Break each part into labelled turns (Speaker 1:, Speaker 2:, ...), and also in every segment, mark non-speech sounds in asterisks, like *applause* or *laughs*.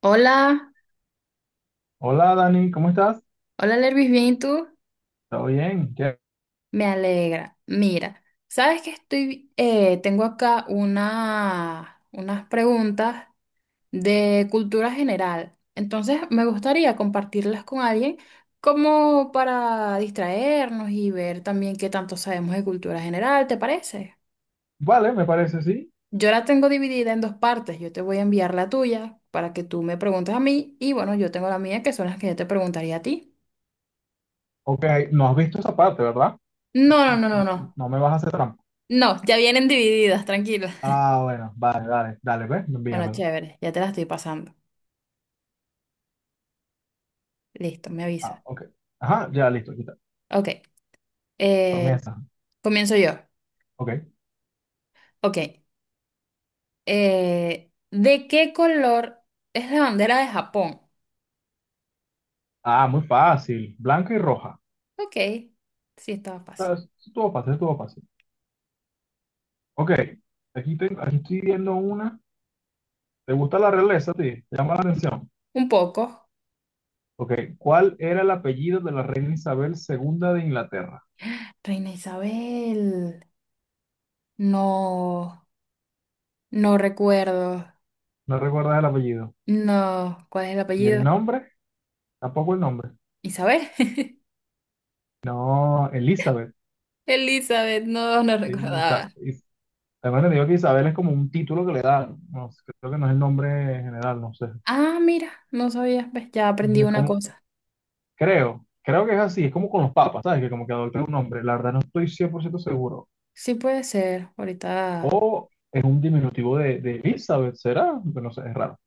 Speaker 1: Hola,
Speaker 2: Hola Dani, ¿cómo estás?
Speaker 1: hola Lervis, ¿bien y tú?
Speaker 2: ¿Todo bien?
Speaker 1: Me alegra. Mira, sabes que estoy, tengo acá unas preguntas de cultura general. Entonces me gustaría compartirlas con alguien como para distraernos y ver también qué tanto sabemos de cultura general, ¿te parece?
Speaker 2: Vale, me parece, sí.
Speaker 1: Yo la tengo dividida en dos partes. Yo te voy a enviar la tuya para que tú me preguntes a mí y bueno, yo tengo la mía que son las que yo te preguntaría a ti.
Speaker 2: Ok, no has visto esa parte, ¿verdad?
Speaker 1: No, no, no, no, no.
Speaker 2: No me vas a hacer trampa.
Speaker 1: No, ya vienen divididas, tranquila.
Speaker 2: Ah, bueno, vale, dale, dale, ve,
Speaker 1: Bueno,
Speaker 2: envíamelo.
Speaker 1: chévere, ya te la estoy pasando. Listo, me
Speaker 2: Ah,
Speaker 1: avisa.
Speaker 2: ok. Ajá, ya listo, aquí está.
Speaker 1: Ok, eh,
Speaker 2: Comienza.
Speaker 1: comienzo yo.
Speaker 2: Ok.
Speaker 1: Ok, ¿de qué color es la bandera de Japón?
Speaker 2: Ah, muy fácil. Blanca y roja.
Speaker 1: Ok, sí, estaba fácil.
Speaker 2: Ah, estuvo fácil, estuvo fácil. Ok, aquí estoy viendo una. ¿Te gusta la realeza, a ti? ¿Te llama la atención?
Speaker 1: Un poco.
Speaker 2: Ok, ¿cuál era el apellido de la reina Isabel II de Inglaterra?
Speaker 1: Reina Isabel. No, no recuerdo.
Speaker 2: No recuerdas el apellido.
Speaker 1: No, ¿cuál es el
Speaker 2: ¿Y
Speaker 1: apellido?
Speaker 2: el nombre? Tampoco el nombre.
Speaker 1: Isabel. *laughs*
Speaker 2: No, Elizabeth.
Speaker 1: Elizabeth, no, no
Speaker 2: Sí, Isa-
Speaker 1: recordaba.
Speaker 2: Is- además, te digo que Isabel es como un título que le dan. No, sé, creo que no es el nombre general, no sé.
Speaker 1: Ah, mira, no sabía, ves, ya aprendí
Speaker 2: Es
Speaker 1: una
Speaker 2: como,
Speaker 1: cosa.
Speaker 2: creo, creo que es así. Es como con los papas, ¿sabes? Que como que adoptan un nombre. La verdad no estoy 100% seguro.
Speaker 1: Sí puede ser, ahorita.
Speaker 2: O es un diminutivo de Elizabeth, ¿será? Pero no sé, es raro.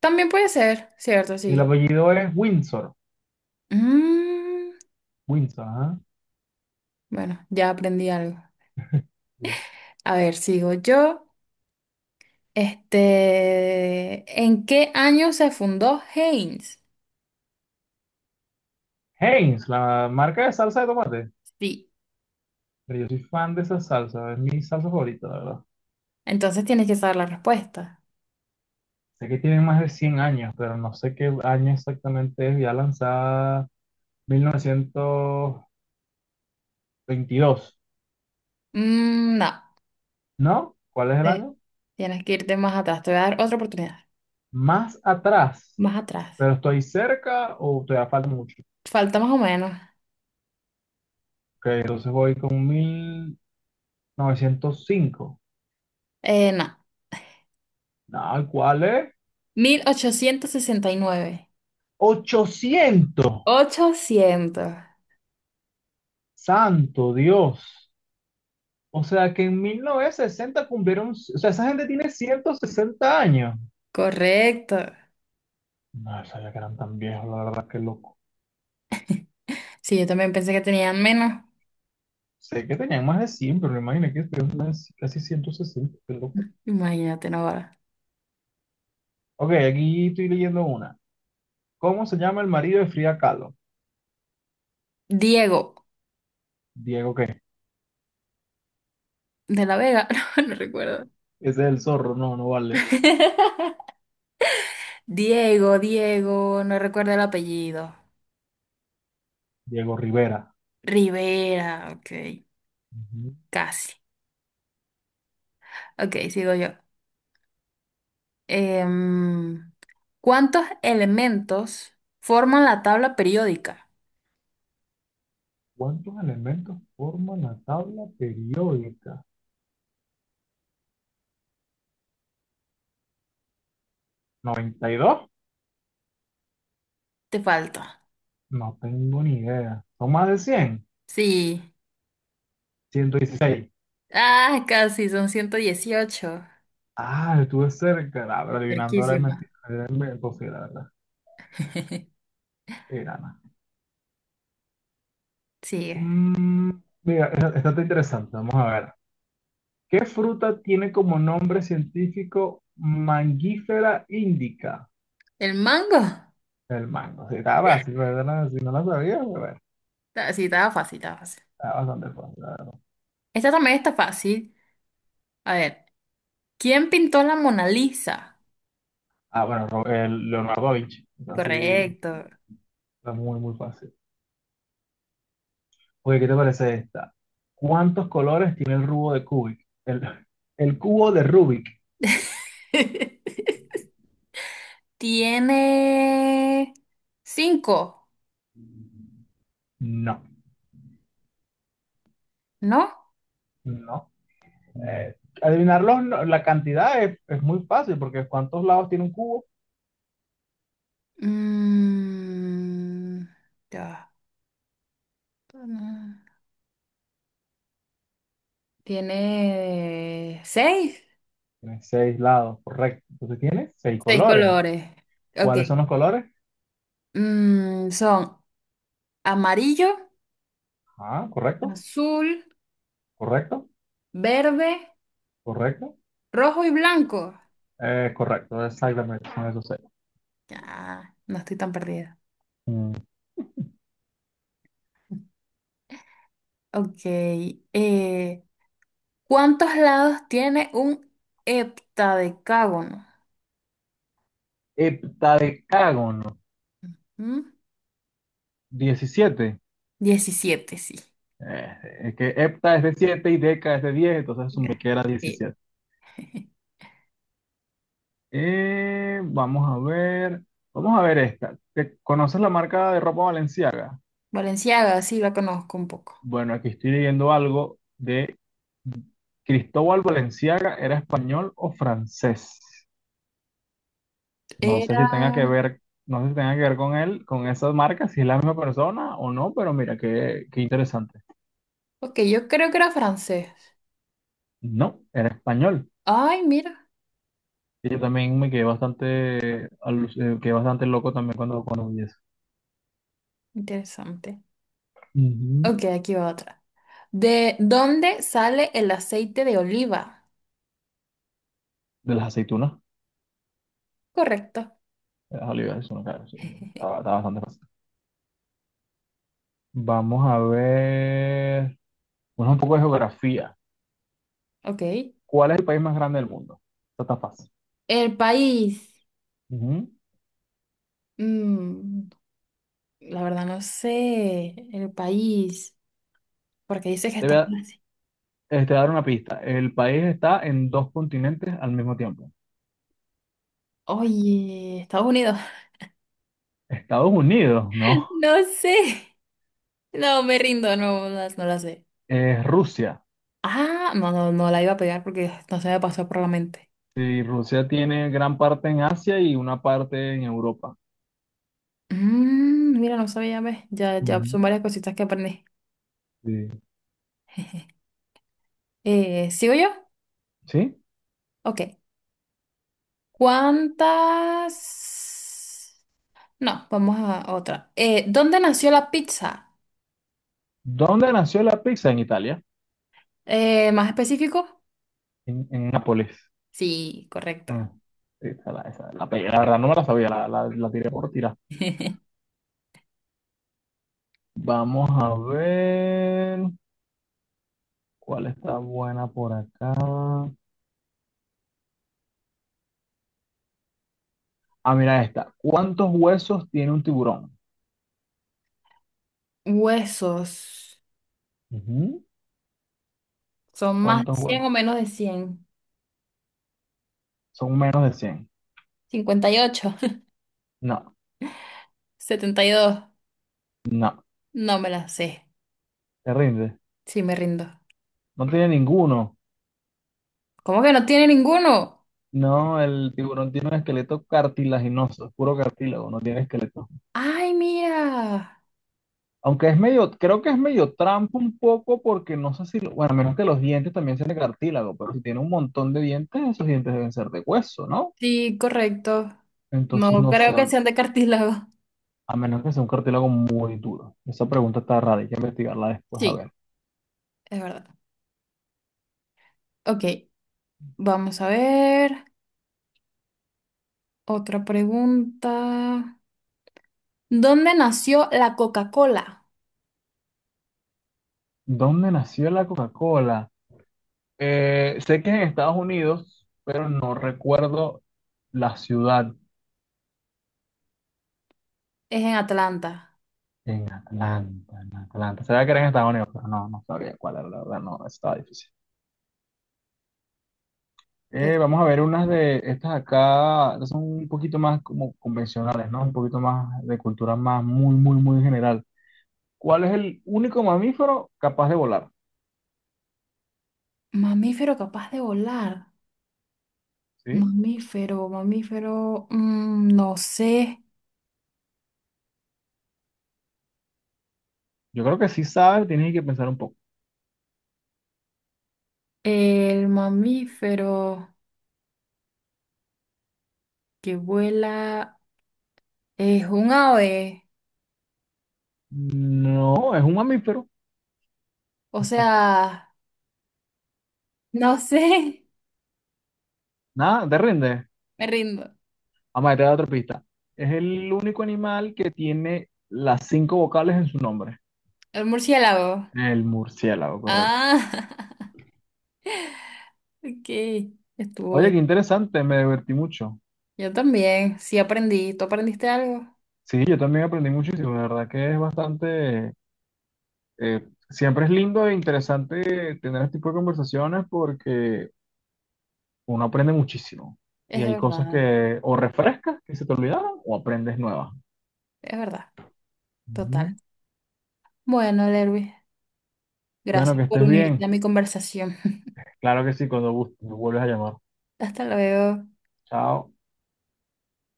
Speaker 1: También puede ser, ¿cierto?
Speaker 2: El
Speaker 1: Sí.
Speaker 2: apellido es Windsor.
Speaker 1: Mm,
Speaker 2: Windsor, ajá.
Speaker 1: bueno, ya aprendí algo.
Speaker 2: Sí.
Speaker 1: A ver, sigo yo. Este, ¿en qué año se fundó Heinz?
Speaker 2: Heinz, la marca de salsa de tomate.
Speaker 1: Sí.
Speaker 2: Pero yo soy fan de esa salsa, es mi salsa favorita, la verdad.
Speaker 1: Entonces tienes que saber la respuesta.
Speaker 2: Sé que tiene más de 100 años, pero no sé qué año exactamente es. Ya lanzada 1922,
Speaker 1: Mm, no.
Speaker 2: ¿no? ¿Cuál es el
Speaker 1: Eh,
Speaker 2: año?
Speaker 1: Tienes que irte más atrás. Te voy a dar otra oportunidad.
Speaker 2: Más atrás,
Speaker 1: Más atrás.
Speaker 2: pero estoy cerca o todavía falta mucho.
Speaker 1: Falta más o menos.
Speaker 2: Ok, entonces voy con 1905.
Speaker 1: No.
Speaker 2: No, ¿cuál es?
Speaker 1: 1869.
Speaker 2: 800.
Speaker 1: 800.
Speaker 2: Santo Dios. O sea que en 1960 cumplieron, o sea, esa gente tiene 160 años.
Speaker 1: Correcto.
Speaker 2: No sabía que eran tan viejos, la verdad, que loco.
Speaker 1: Sí, yo también pensé que tenían menos.
Speaker 2: Sé que tenían más de 100, pero imagina que este es casi 160, qué loco.
Speaker 1: Imagínate, Navarra.
Speaker 2: Ok, aquí estoy leyendo una. ¿Cómo se llama el marido de Frida Kahlo?
Speaker 1: Diego
Speaker 2: Diego, ¿qué?
Speaker 1: de la Vega, *laughs* no, no recuerdo.
Speaker 2: Ese es el zorro, no, no vale.
Speaker 1: *laughs* Diego, no recuerdo el apellido.
Speaker 2: Diego Rivera.
Speaker 1: Rivera, ok,
Speaker 2: Ujú.
Speaker 1: casi. Ok, sigo yo. Em, ¿Cuántos elementos forman la tabla periódica?
Speaker 2: ¿Cuántos elementos forman la tabla periódica? 92.
Speaker 1: Te falta.
Speaker 2: No tengo ni idea. ¿Son más de 100?
Speaker 1: Sí.
Speaker 2: 116.
Speaker 1: Ah, casi, son 118.
Speaker 2: Ah, estuve cerca. Ah, pero adivinando ahora es
Speaker 1: Cerquísima.
Speaker 2: mentira. Era imposible, la verdad.
Speaker 1: *laughs*
Speaker 2: Era nada.
Speaker 1: Sigue.
Speaker 2: Mm, mira, esta está interesante. Vamos a ver. ¿Qué fruta tiene como nombre científico Mangifera indica?
Speaker 1: ¿El mango?
Speaker 2: El mango. Sí, está fácil, ¿verdad? Si no lo sabía, pues, bueno,
Speaker 1: Ah, sí, estaba fácil, estaba fácil.
Speaker 2: está bastante fácil, la verdad.
Speaker 1: Esta también está fácil. A ver. ¿Quién pintó la Mona Lisa?
Speaker 2: Ah, bueno, el Leonardo da Vinci. Entonces, sí,
Speaker 1: Correcto.
Speaker 2: está muy, muy fácil. Oye, ¿qué te parece esta? ¿Cuántos colores tiene el cubo de Kubik? El cubo de Rubik.
Speaker 1: *laughs* Tiene cinco,
Speaker 2: No,
Speaker 1: ¿no?
Speaker 2: no. Eh, Adivinarlo, no, la cantidad es muy fácil porque ¿cuántos lados tiene un cubo?
Speaker 1: Mm, ya. Tiene seis.
Speaker 2: Tiene seis lados, correcto. Entonces tiene seis
Speaker 1: Seis
Speaker 2: colores.
Speaker 1: colores. Ok.
Speaker 2: ¿Cuáles son los colores?
Speaker 1: Mm, son amarillo,
Speaker 2: Ah, correcto,
Speaker 1: azul,
Speaker 2: correcto,
Speaker 1: verde,
Speaker 2: correcto,
Speaker 1: rojo y blanco.
Speaker 2: correcto, exactamente, son esos seis.
Speaker 1: Ya, no estoy tan perdida.
Speaker 2: Mm.
Speaker 1: Ok. ¿Cuántos lados tiene un heptadecágono?
Speaker 2: Heptadecágono,
Speaker 1: ¿Mm?
Speaker 2: 17.
Speaker 1: 17, sí.
Speaker 2: Eh, es que hepta es de 7 y deca es de 10, entonces asumí
Speaker 1: Ya,
Speaker 2: que era
Speaker 1: sí.
Speaker 2: 17.
Speaker 1: *laughs*
Speaker 2: Vamos a ver, vamos a ver esta. ¿Te conoces la marca de ropa Valenciaga?
Speaker 1: Valenciaga, sí, la conozco un poco.
Speaker 2: Bueno, aquí estoy leyendo algo de Cristóbal Valenciaga, ¿era español o francés? No sé
Speaker 1: Era...
Speaker 2: si tenga que ver, no sé si tenga que ver con él, con esas marcas, si es la misma persona o no, pero mira, qué, qué interesante.
Speaker 1: Ok, yo creo que era francés.
Speaker 2: No, era español.
Speaker 1: Ay, mira,
Speaker 2: Y yo también me quedé bastante, quedé bastante loco también cuando vi eso.
Speaker 1: interesante.
Speaker 2: Ujú.
Speaker 1: Ok, aquí va otra. ¿De dónde sale el aceite de oliva?
Speaker 2: De las aceitunas,
Speaker 1: Correcto.
Speaker 2: de las olivas, eso no, claro, sí, estaba, estaba bastante fácil. Vamos a ver, bueno, un poco de geografía.
Speaker 1: Ok.
Speaker 2: ¿Cuál es el país más grande del mundo? Esto está fácil.
Speaker 1: El país.
Speaker 2: Ujú.
Speaker 1: Mm, la verdad no sé. El país. Porque dice que
Speaker 2: Te voy
Speaker 1: está...
Speaker 2: a, Te voy a dar una pista. El país está en dos continentes al mismo tiempo.
Speaker 1: Oye, Estados Unidos.
Speaker 2: Estados Unidos, ¿no?
Speaker 1: No sé. No, me rindo, no, no, no la sé.
Speaker 2: Es Rusia.
Speaker 1: Ah, no, no, no la iba a pegar porque no se me pasó por la mente.
Speaker 2: Sí, Rusia tiene gran parte en Asia y una parte en Europa.
Speaker 1: Mm, mira, no sabía, ¿ves? Ya, ya son
Speaker 2: Ujú.
Speaker 1: varias cositas que aprendí.
Speaker 2: Sí.
Speaker 1: *laughs* ¿Sigo yo?
Speaker 2: ¿Sí?
Speaker 1: Ok. ¿Cuántas? No, vamos a otra. ¿Dónde nació la pizza?
Speaker 2: ¿Dónde nació la pizza? En Italia,
Speaker 1: ¿Más específico?
Speaker 2: en Nápoles.
Speaker 1: Sí, correcto.
Speaker 2: Ah, sí, esa la pegué. La verdad no me la sabía, la tiré por tirar.
Speaker 1: *laughs*
Speaker 2: Vamos a ver cuál está buena por acá. Ah, mira esta. ¿Cuántos huesos tiene un tiburón?
Speaker 1: Huesos.
Speaker 2: Ujú.
Speaker 1: ¿Son más de
Speaker 2: ¿Cuántos
Speaker 1: 100 o
Speaker 2: huesos?
Speaker 1: menos de cien?
Speaker 2: Son menos de 100.
Speaker 1: 58.
Speaker 2: No,
Speaker 1: *laughs* 72.
Speaker 2: no,
Speaker 1: No me la sé.
Speaker 2: te rinde.
Speaker 1: Sí, me rindo.
Speaker 2: No tiene ninguno.
Speaker 1: ¿Cómo que no tiene ninguno?
Speaker 2: No, el tiburón tiene un esqueleto cartilaginoso, es puro cartílago, no tiene esqueleto.
Speaker 1: Ay, mira.
Speaker 2: Aunque es medio, creo que es medio trampa un poco porque no sé si, bueno, a menos que los dientes también sean de cartílago, pero si tiene un montón de dientes, esos dientes deben ser de hueso, ¿no?
Speaker 1: Sí, correcto.
Speaker 2: Entonces
Speaker 1: No
Speaker 2: no sé,
Speaker 1: creo
Speaker 2: a
Speaker 1: que sean de cartílago.
Speaker 2: a menos que sea un cartílago muy duro. Esa pregunta está rara, hay que investigarla después, a
Speaker 1: Sí,
Speaker 2: ver.
Speaker 1: es verdad. Ok, vamos a ver. Otra pregunta. ¿Dónde nació la Coca-Cola?
Speaker 2: ¿Dónde nació la Coca-Cola? Sé que es en Estados Unidos, recuerdo la ciudad.
Speaker 1: Es en Atlanta.
Speaker 2: En Atlanta, en Atlanta. Sabía que era en Estados Unidos, pero no, no sabía cuál era, la verdad, no, estaba difícil.
Speaker 1: Te-
Speaker 2: Vamos a ver unas de estas acá, estas son un poquito más como convencionales, ¿no? Un poquito más de cultura más muy, muy, muy general. ¿Cuál es el único mamífero capaz de volar?
Speaker 1: Mamífero capaz de volar.
Speaker 2: ¿Sí?
Speaker 1: Mamífero. Mm, no sé.
Speaker 2: Yo creo que sí sabes, tienes que pensar un poco.
Speaker 1: El mamífero que vuela. Es un ave.
Speaker 2: No, es un mamífero.
Speaker 1: O sea, no *laughs* sé.
Speaker 2: Nada, te rinde.
Speaker 1: Me rindo.
Speaker 2: Vamos a dar otra pista. Es el único animal que tiene las cinco vocales en su nombre.
Speaker 1: El murciélago.
Speaker 2: El murciélago, correcto.
Speaker 1: Ah, *laughs* ok. Estuvo
Speaker 2: Oye,
Speaker 1: bien.
Speaker 2: qué interesante, me divertí mucho.
Speaker 1: Yo también. Sí aprendí. ¿Tú aprendiste algo?
Speaker 2: Sí, yo también aprendí muchísimo, la verdad que es bastante, siempre es lindo e interesante tener este tipo de conversaciones porque uno aprende muchísimo
Speaker 1: Es
Speaker 2: y hay cosas
Speaker 1: verdad.
Speaker 2: que o refrescas, que se te olvidaron, o aprendes nuevas.
Speaker 1: Es verdad. Total.
Speaker 2: Ujú.
Speaker 1: Bueno, Lervis,
Speaker 2: Bueno,
Speaker 1: gracias
Speaker 2: que
Speaker 1: por
Speaker 2: estés
Speaker 1: unirte a
Speaker 2: bien.
Speaker 1: mi conversación. *laughs*
Speaker 2: Claro que sí, cuando gustes, me vuelves a llamar.
Speaker 1: Hasta luego.
Speaker 2: Chao.